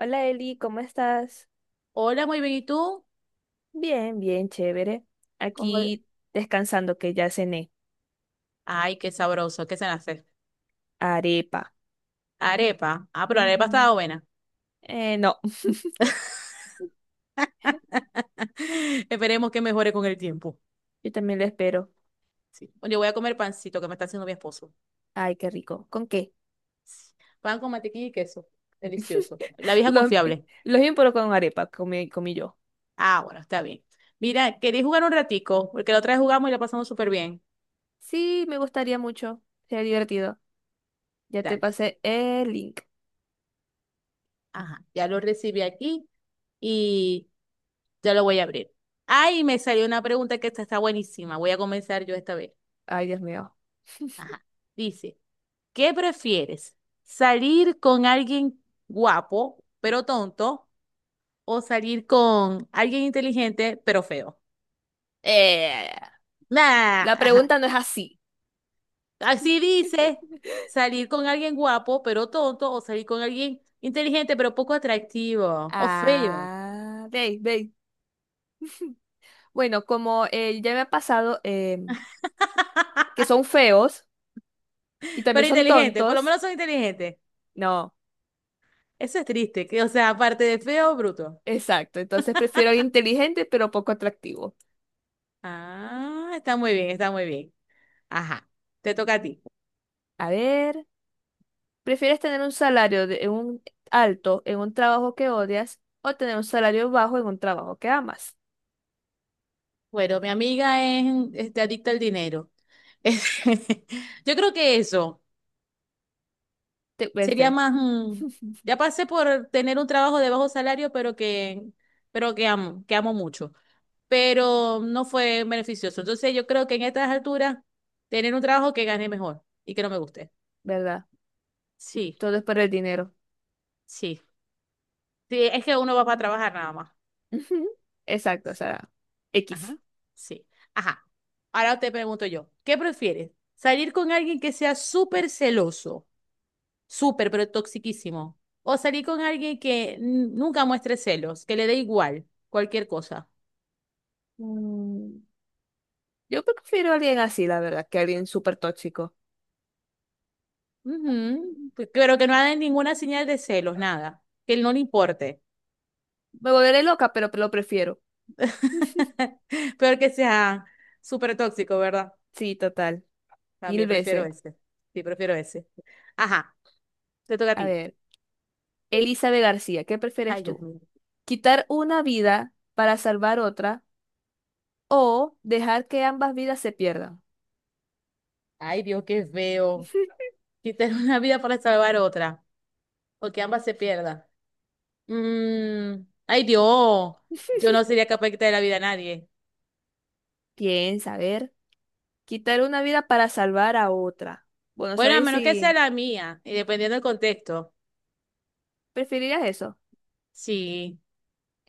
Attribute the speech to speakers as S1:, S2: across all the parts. S1: Hola Eli, ¿cómo estás?
S2: Hola, muy bien. ¿Y tú?
S1: Bien, bien, chévere.
S2: ¿Cómo-
S1: Aquí descansando que ya cené.
S2: Ay, qué sabroso. ¿Qué se hace?
S1: Arepa.
S2: Arepa. Ah, pero la arepa
S1: Ujú.
S2: estaba buena.
S1: No,
S2: Esperemos que mejore con el tiempo.
S1: yo también lo espero.
S2: Sí. Yo voy a comer pancito que me está haciendo mi esposo.
S1: Ay, qué rico. ¿Con qué?
S2: Pan con mantequilla y queso. Delicioso. La vieja
S1: Los,
S2: confiable.
S1: los bien, pero con arepa, comí, comí yo.
S2: Ah, bueno, está bien. Mira, quería jugar un ratico, porque la otra vez jugamos y la pasamos súper bien.
S1: Sí, me gustaría mucho. Sería divertido. Ya te
S2: Dale.
S1: pasé el link.
S2: Ajá. Ya lo recibí aquí y ya lo voy a abrir. Ay, me salió una pregunta que esta está buenísima. Voy a comenzar yo esta vez.
S1: Ay, Dios mío.
S2: Ajá. Dice. ¿Qué prefieres? ¿Salir con alguien guapo pero tonto o salir con alguien inteligente pero feo?
S1: Eh,
S2: Nah,
S1: la
S2: ajá.
S1: pregunta no es así.
S2: Así dice, salir con alguien guapo pero tonto o salir con alguien inteligente pero poco atractivo o feo,
S1: Ah, ve, ve. Bueno, como ya me ha pasado, que son feos y también
S2: pero
S1: son
S2: inteligente, por lo
S1: tontos.
S2: menos son inteligentes.
S1: No,
S2: Eso es triste, que o sea, aparte de feo, bruto.
S1: exacto. Entonces prefiero alguien inteligente pero poco atractivo.
S2: Ah, está muy bien, está muy bien. Ajá, te toca a ti.
S1: A ver, ¿prefieres tener un salario de, un alto en un trabajo que odias o tener un salario bajo en un trabajo que amas?
S2: Bueno, mi amiga es este, adicta al dinero. Yo creo que eso
S1: Te,
S2: sería
S1: vete,
S2: más. Ya pasé por tener un trabajo de bajo salario, pero que amo, que amo mucho. Pero no fue beneficioso. Entonces yo creo que en estas alturas, tener un trabajo que gane mejor y que no me guste.
S1: ¿verdad?
S2: Sí,
S1: Todo es por el dinero.
S2: sí. Sí, es que uno va para trabajar nada más.
S1: Ujú. Exacto, o sea, X.
S2: Ajá. Sí. Ajá. Ahora te pregunto yo, ¿qué prefieres? ¿Salir con alguien que sea súper celoso? Súper, pero toxiquísimo. O salir con alguien que nunca muestre celos, que le dé igual cualquier cosa.
S1: Mm, yo prefiero a alguien así, la verdad, que a alguien súper tóxico.
S2: Ujú, pero que no haga ninguna señal de celos, nada. Que él no le importe.
S1: Me volveré loca, pero lo prefiero.
S2: Pero que sea súper tóxico, ¿verdad?
S1: Sí, total. Mil
S2: También prefiero
S1: veces.
S2: ese. Sí, prefiero ese. Ajá, te toca a
S1: A
S2: ti.
S1: ver. Elizabeth García, ¿qué prefieres
S2: Ay, Dios
S1: tú?
S2: mío.
S1: ¿Quitar una vida para salvar otra o dejar que ambas vidas se pierdan?
S2: Ay, Dios, qué feo. Quitar una vida para salvar otra. O que ambas se pierdan. Mm, ay Dios, yo no sería capaz de quitarle la vida a nadie.
S1: Piensa, a ver, quitar una vida para salvar a otra. Bueno,
S2: Bueno, a
S1: ¿sabes
S2: menos que sea
S1: si
S2: la mía, y dependiendo del contexto.
S1: preferirías eso?
S2: Sí,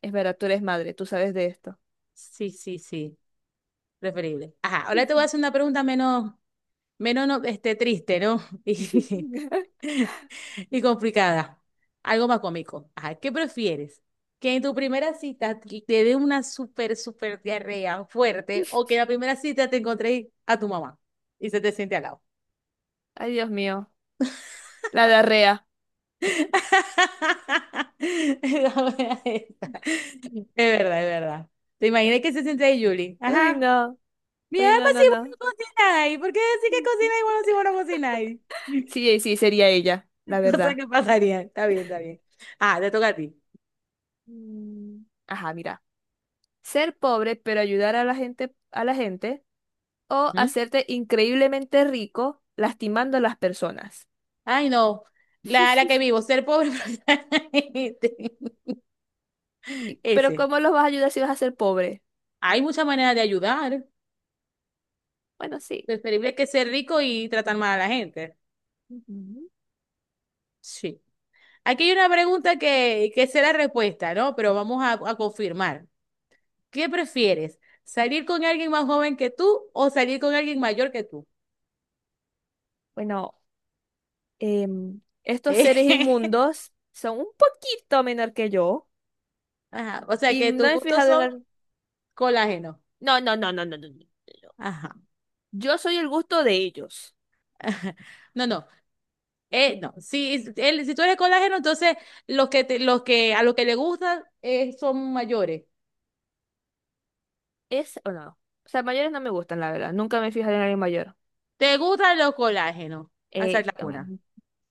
S1: Es verdad, tú eres madre, tú sabes de esto.
S2: sí, sí, sí, preferible. Ajá, ahora te voy a hacer una pregunta menos, menos no, este, triste, ¿no? Y, y complicada. Algo más cómico. Ajá, ¿qué prefieres? ¿Que en tu primera cita te dé una súper, súper diarrea fuerte o que en la primera cita te encontréis a tu mamá y se te siente al lado?
S1: Ay, Dios mío, la diarrea.
S2: Esa buena esa. Es verdad, es verdad. Te imaginé que se siente de Julie.
S1: Ay,
S2: Ajá.
S1: no,
S2: Mi
S1: ay,
S2: alma
S1: no,
S2: si
S1: no,
S2: vos
S1: no.
S2: no cocináis. ¿Por qué decís que cocináis bueno si vos no cocináis?
S1: Sí, sí, sería ella, la
S2: Cosas
S1: verdad.
S2: que pasarían. Está bien, está bien. Ah, te toca a ti.
S1: Mm, ajá, mira. Ser pobre, pero ayudar a la gente, o
S2: Ujú.
S1: hacerte increíblemente rico lastimando a las personas.
S2: Ay, no. La que vivo, ser pobre. pero-
S1: Y pero
S2: Ese.
S1: ¿cómo los vas a ayudar si vas a ser pobre?
S2: Hay muchas maneras de ayudar.
S1: Bueno, sí.
S2: Preferible que ser rico y tratar mal a la gente.
S1: Ujú.
S2: Sí. Aquí hay una pregunta que será respuesta, ¿no? Pero vamos a confirmar. ¿Qué prefieres? ¿Salir con alguien más joven que tú o salir con alguien mayor que tú?
S1: Bueno, estos seres inmundos son un poquito menor que yo
S2: Ajá, o sea
S1: y
S2: que
S1: no
S2: tus
S1: he
S2: gustos
S1: fijado en
S2: son
S1: el...
S2: colágeno.
S1: No, no, no, no, no, no, no, no.
S2: Ajá.
S1: Yo soy el gusto de ellos.
S2: No, no. No. Si, si tú eres colágeno, entonces los que a los que le gustan son mayores.
S1: ¿Es o no? O sea, mayores no me gustan, la verdad. Nunca me he fijado en alguien mayor.
S2: ¿Te gustan los colágenos? Esa es
S1: Eh,
S2: la cuna.
S1: mm,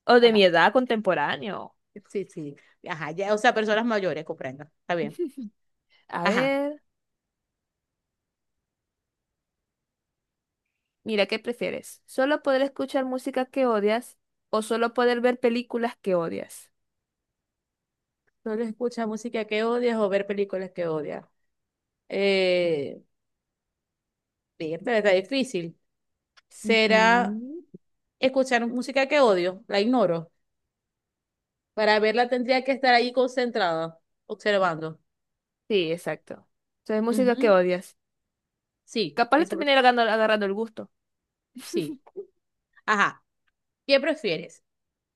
S1: o de mi
S2: Ajá.
S1: edad contemporáneo.
S2: Sí, sí. Ajá. Ya, o sea, personas mayores, comprendo. Está bien.
S1: A
S2: Ajá.
S1: ver. Mira, ¿qué prefieres? ¿Solo poder escuchar música que odias o solo poder ver películas que odias?
S2: Solo escucha música que odias o ver películas que odias. Eh, Bien, pero está difícil. Será
S1: Ujú.
S2: escuchar música que odio, la ignoro. Para verla tendría que estar ahí concentrada, observando.
S1: Sí, exacto. O sea, es música que
S2: Ujú,
S1: odias.
S2: sí,
S1: Capaz le
S2: esa,
S1: terminé agarrando, agarrando el gusto.
S2: sí. Ajá. ¿Qué prefieres?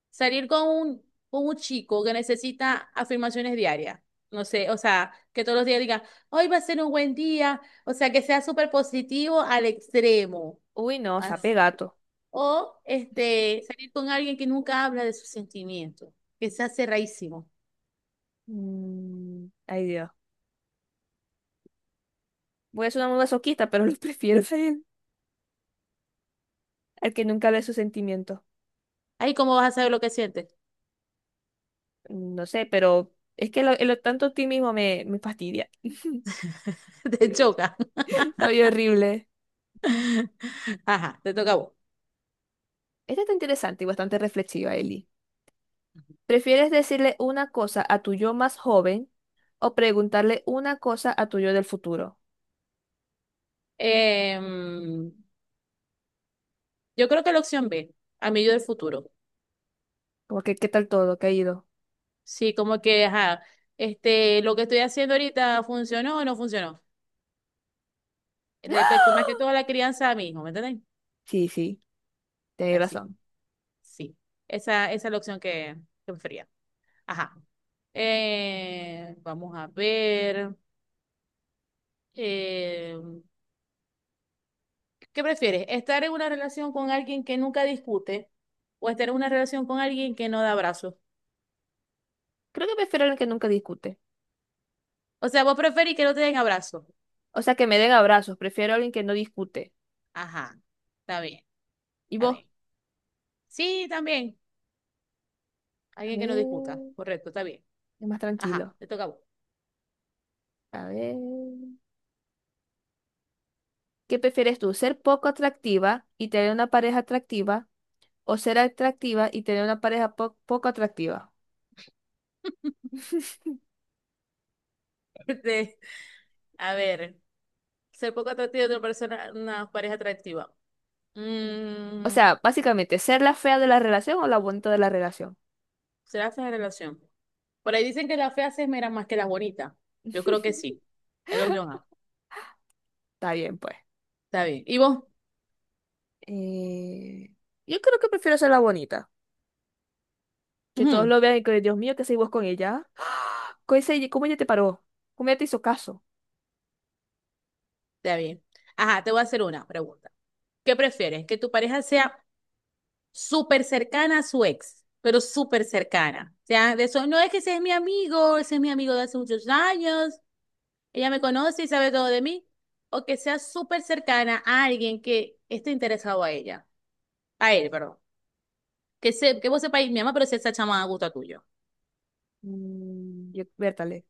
S2: ¿Salir con un chico que necesita afirmaciones diarias? No sé, o sea, que todos los días diga, hoy va a ser un buen día, o sea, que sea súper positivo al extremo.
S1: Uy, no, sape
S2: As-
S1: gato.
S2: O este, salir con alguien que nunca habla de sus sentimientos, que sea cerradísimo.
S1: Mm, ay, Dios. Voy a ser una muy masoquista, pero lo prefiero a él, al que nunca ve sus sentimientos.
S2: Ahí, ¿cómo vas a saber lo que sientes?
S1: No sé, pero es que lo tanto optimismo me, me fastidia.
S2: Te choca.
S1: Ay, horrible.
S2: Ajá, te toca a vos.
S1: Esta está interesante y bastante reflexiva, Eli. ¿Prefieres decirle una cosa a tu yo más joven o preguntarle una cosa a tu yo del futuro?
S2: Em, yo creo que la opción B, amigo del futuro.
S1: ¿Como que qué tal todo? ¿Qué ha ido?
S2: Sí, como que, ajá, este, lo que estoy haciendo ahorita funcionó o no funcionó. Respecto más que todo a la crianza a mi hijo, ¿me entendés?
S1: Sí, sí, tenéis
S2: Así,
S1: razón.
S2: sí. Esa es la opción que prefería. Ajá. Vamos a ver. eh, ¿Qué prefieres? ¿Estar en una relación con alguien que nunca discute o estar en una relación con alguien que no da abrazos?
S1: Creo que prefiero a alguien que nunca discute.
S2: O sea, vos preferís que no te den abrazo.
S1: O sea, que me den abrazos. Prefiero a alguien que no discute.
S2: Ajá, está bien,
S1: ¿Y
S2: está
S1: vos?
S2: bien. Sí, también.
S1: A
S2: Alguien que no discuta.
S1: ver,
S2: Correcto, está bien.
S1: es más
S2: Ajá,
S1: tranquilo.
S2: te toca a vos.
S1: A ver. ¿Qué prefieres tú? ¿Ser poco atractiva y tener una pareja atractiva? ¿O ser atractiva y tener una pareja po- poco atractiva?
S2: Este, a ver, ser poco atractivo de una persona, una pareja atractiva.
S1: O
S2: Mm,
S1: sea, básicamente, ser la fea de la relación o la bonita de la relación.
S2: ¿será fea la relación? Por ahí dicen que las feas se esmeran más que las bonitas. Yo creo que sí. Es la opción A.
S1: Está bien, pues.
S2: Está bien. ¿Y vos?
S1: Eh, yo creo que prefiero ser la bonita. Que todos
S2: Ujú,
S1: lo vean y que, Dios mío, ¿qué hacéis vos con ella? ¿Cómo ese cómo ella te paró? ¿Cómo ella te hizo caso?
S2: está bien. Ajá, te voy a hacer una pregunta. ¿Qué prefieres? ¿Que tu pareja sea súper cercana a su ex, pero súper cercana? O sea, de eso, no es que ese es mi amigo, ese es mi amigo de hace muchos años, ella me conoce y sabe todo de mí, o que sea súper cercana a alguien que esté interesado a ella, a él, perdón. Que, se, que vos sepáis, mi mamá, pero si esa chama a gusto tuyo.
S1: Mm, yo, vértale.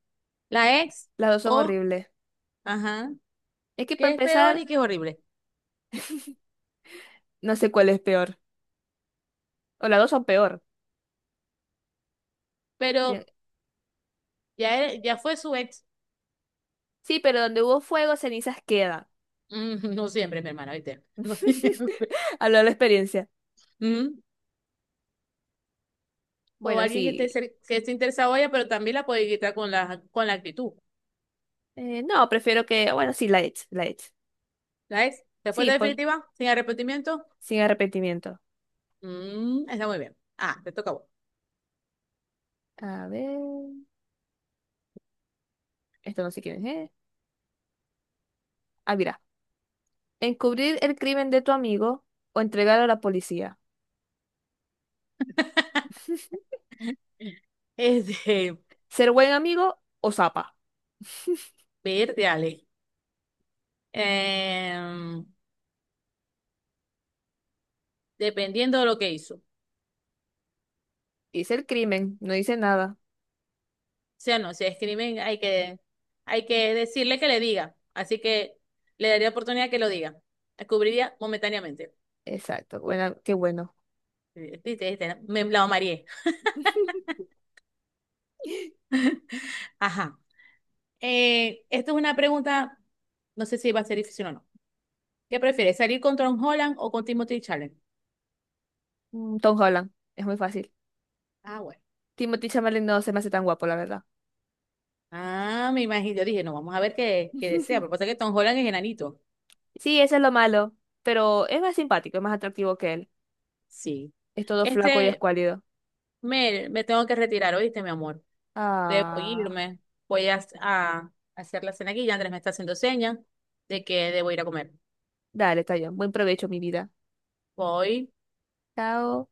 S2: La ex,
S1: Las dos son
S2: o,
S1: horribles.
S2: ajá,
S1: Es que para
S2: que es peor y
S1: empezar,
S2: que es horrible.
S1: no sé cuál es peor. O las dos son peor. Bien.
S2: Pero ya, ya fue su ex.
S1: Sí, pero donde hubo fuego, cenizas quedan.
S2: Mm, no siempre, mi hermana, ¿viste? No siempre.
S1: Hablo de la experiencia.
S2: Mm. O
S1: Bueno,
S2: alguien que esté,
S1: sí.
S2: que esté interesado en ella, pero también la puede quitar con la actitud.
S1: No, prefiero que. Bueno, sí, la ex, la ex.
S2: ¿Sabes?
S1: Sí,
S2: Respuesta
S1: pues.
S2: definitiva, sin arrepentimiento.
S1: Sin arrepentimiento.
S2: Mm, está muy bien. Ah, te toca a vos.
S1: A ver, esto no sé quién es, ¿eh? Ah, mira. Encubrir el crimen de tu amigo o entregarlo a la policía.
S2: Es de
S1: Ser buen amigo o zapa.
S2: verde, Ale. Em, Dependiendo de lo que hizo.
S1: Dice el crimen, no dice nada.
S2: Si o sea, no, si es crimen, hay que decirle que le diga. Así que le daría oportunidad que lo diga. La cubriría momentáneamente.
S1: Exacto, buena, qué bueno.
S2: Viste, viste, me la mareé. Ajá. Esto es una pregunta, no sé si va a ser difícil o no. ¿Qué prefieres, salir con Tom Holland o con Timothy Challenge?
S1: Mm, Tom Holland, es muy fácil.
S2: Ah, bueno.
S1: Timothy Chalamet no se me hace tan guapo, la verdad.
S2: Ah, me imagino. Yo dije, no, vamos a ver qué, qué desea. Pero pasa que Tom Holland es enanito.
S1: Sí, eso es lo malo, pero es más simpático, es más atractivo que él.
S2: Sí.
S1: Es todo flaco y
S2: Este,
S1: escuálido.
S2: Mel, me tengo que retirar, ¿oíste, mi amor? Debo
S1: Ah,
S2: irme. Voy a hacer la cena aquí. Ya Andrés me está haciendo señas de que debo ir a comer.
S1: dale, está bien. Buen provecho, mi vida.
S2: Voy.
S1: Chao.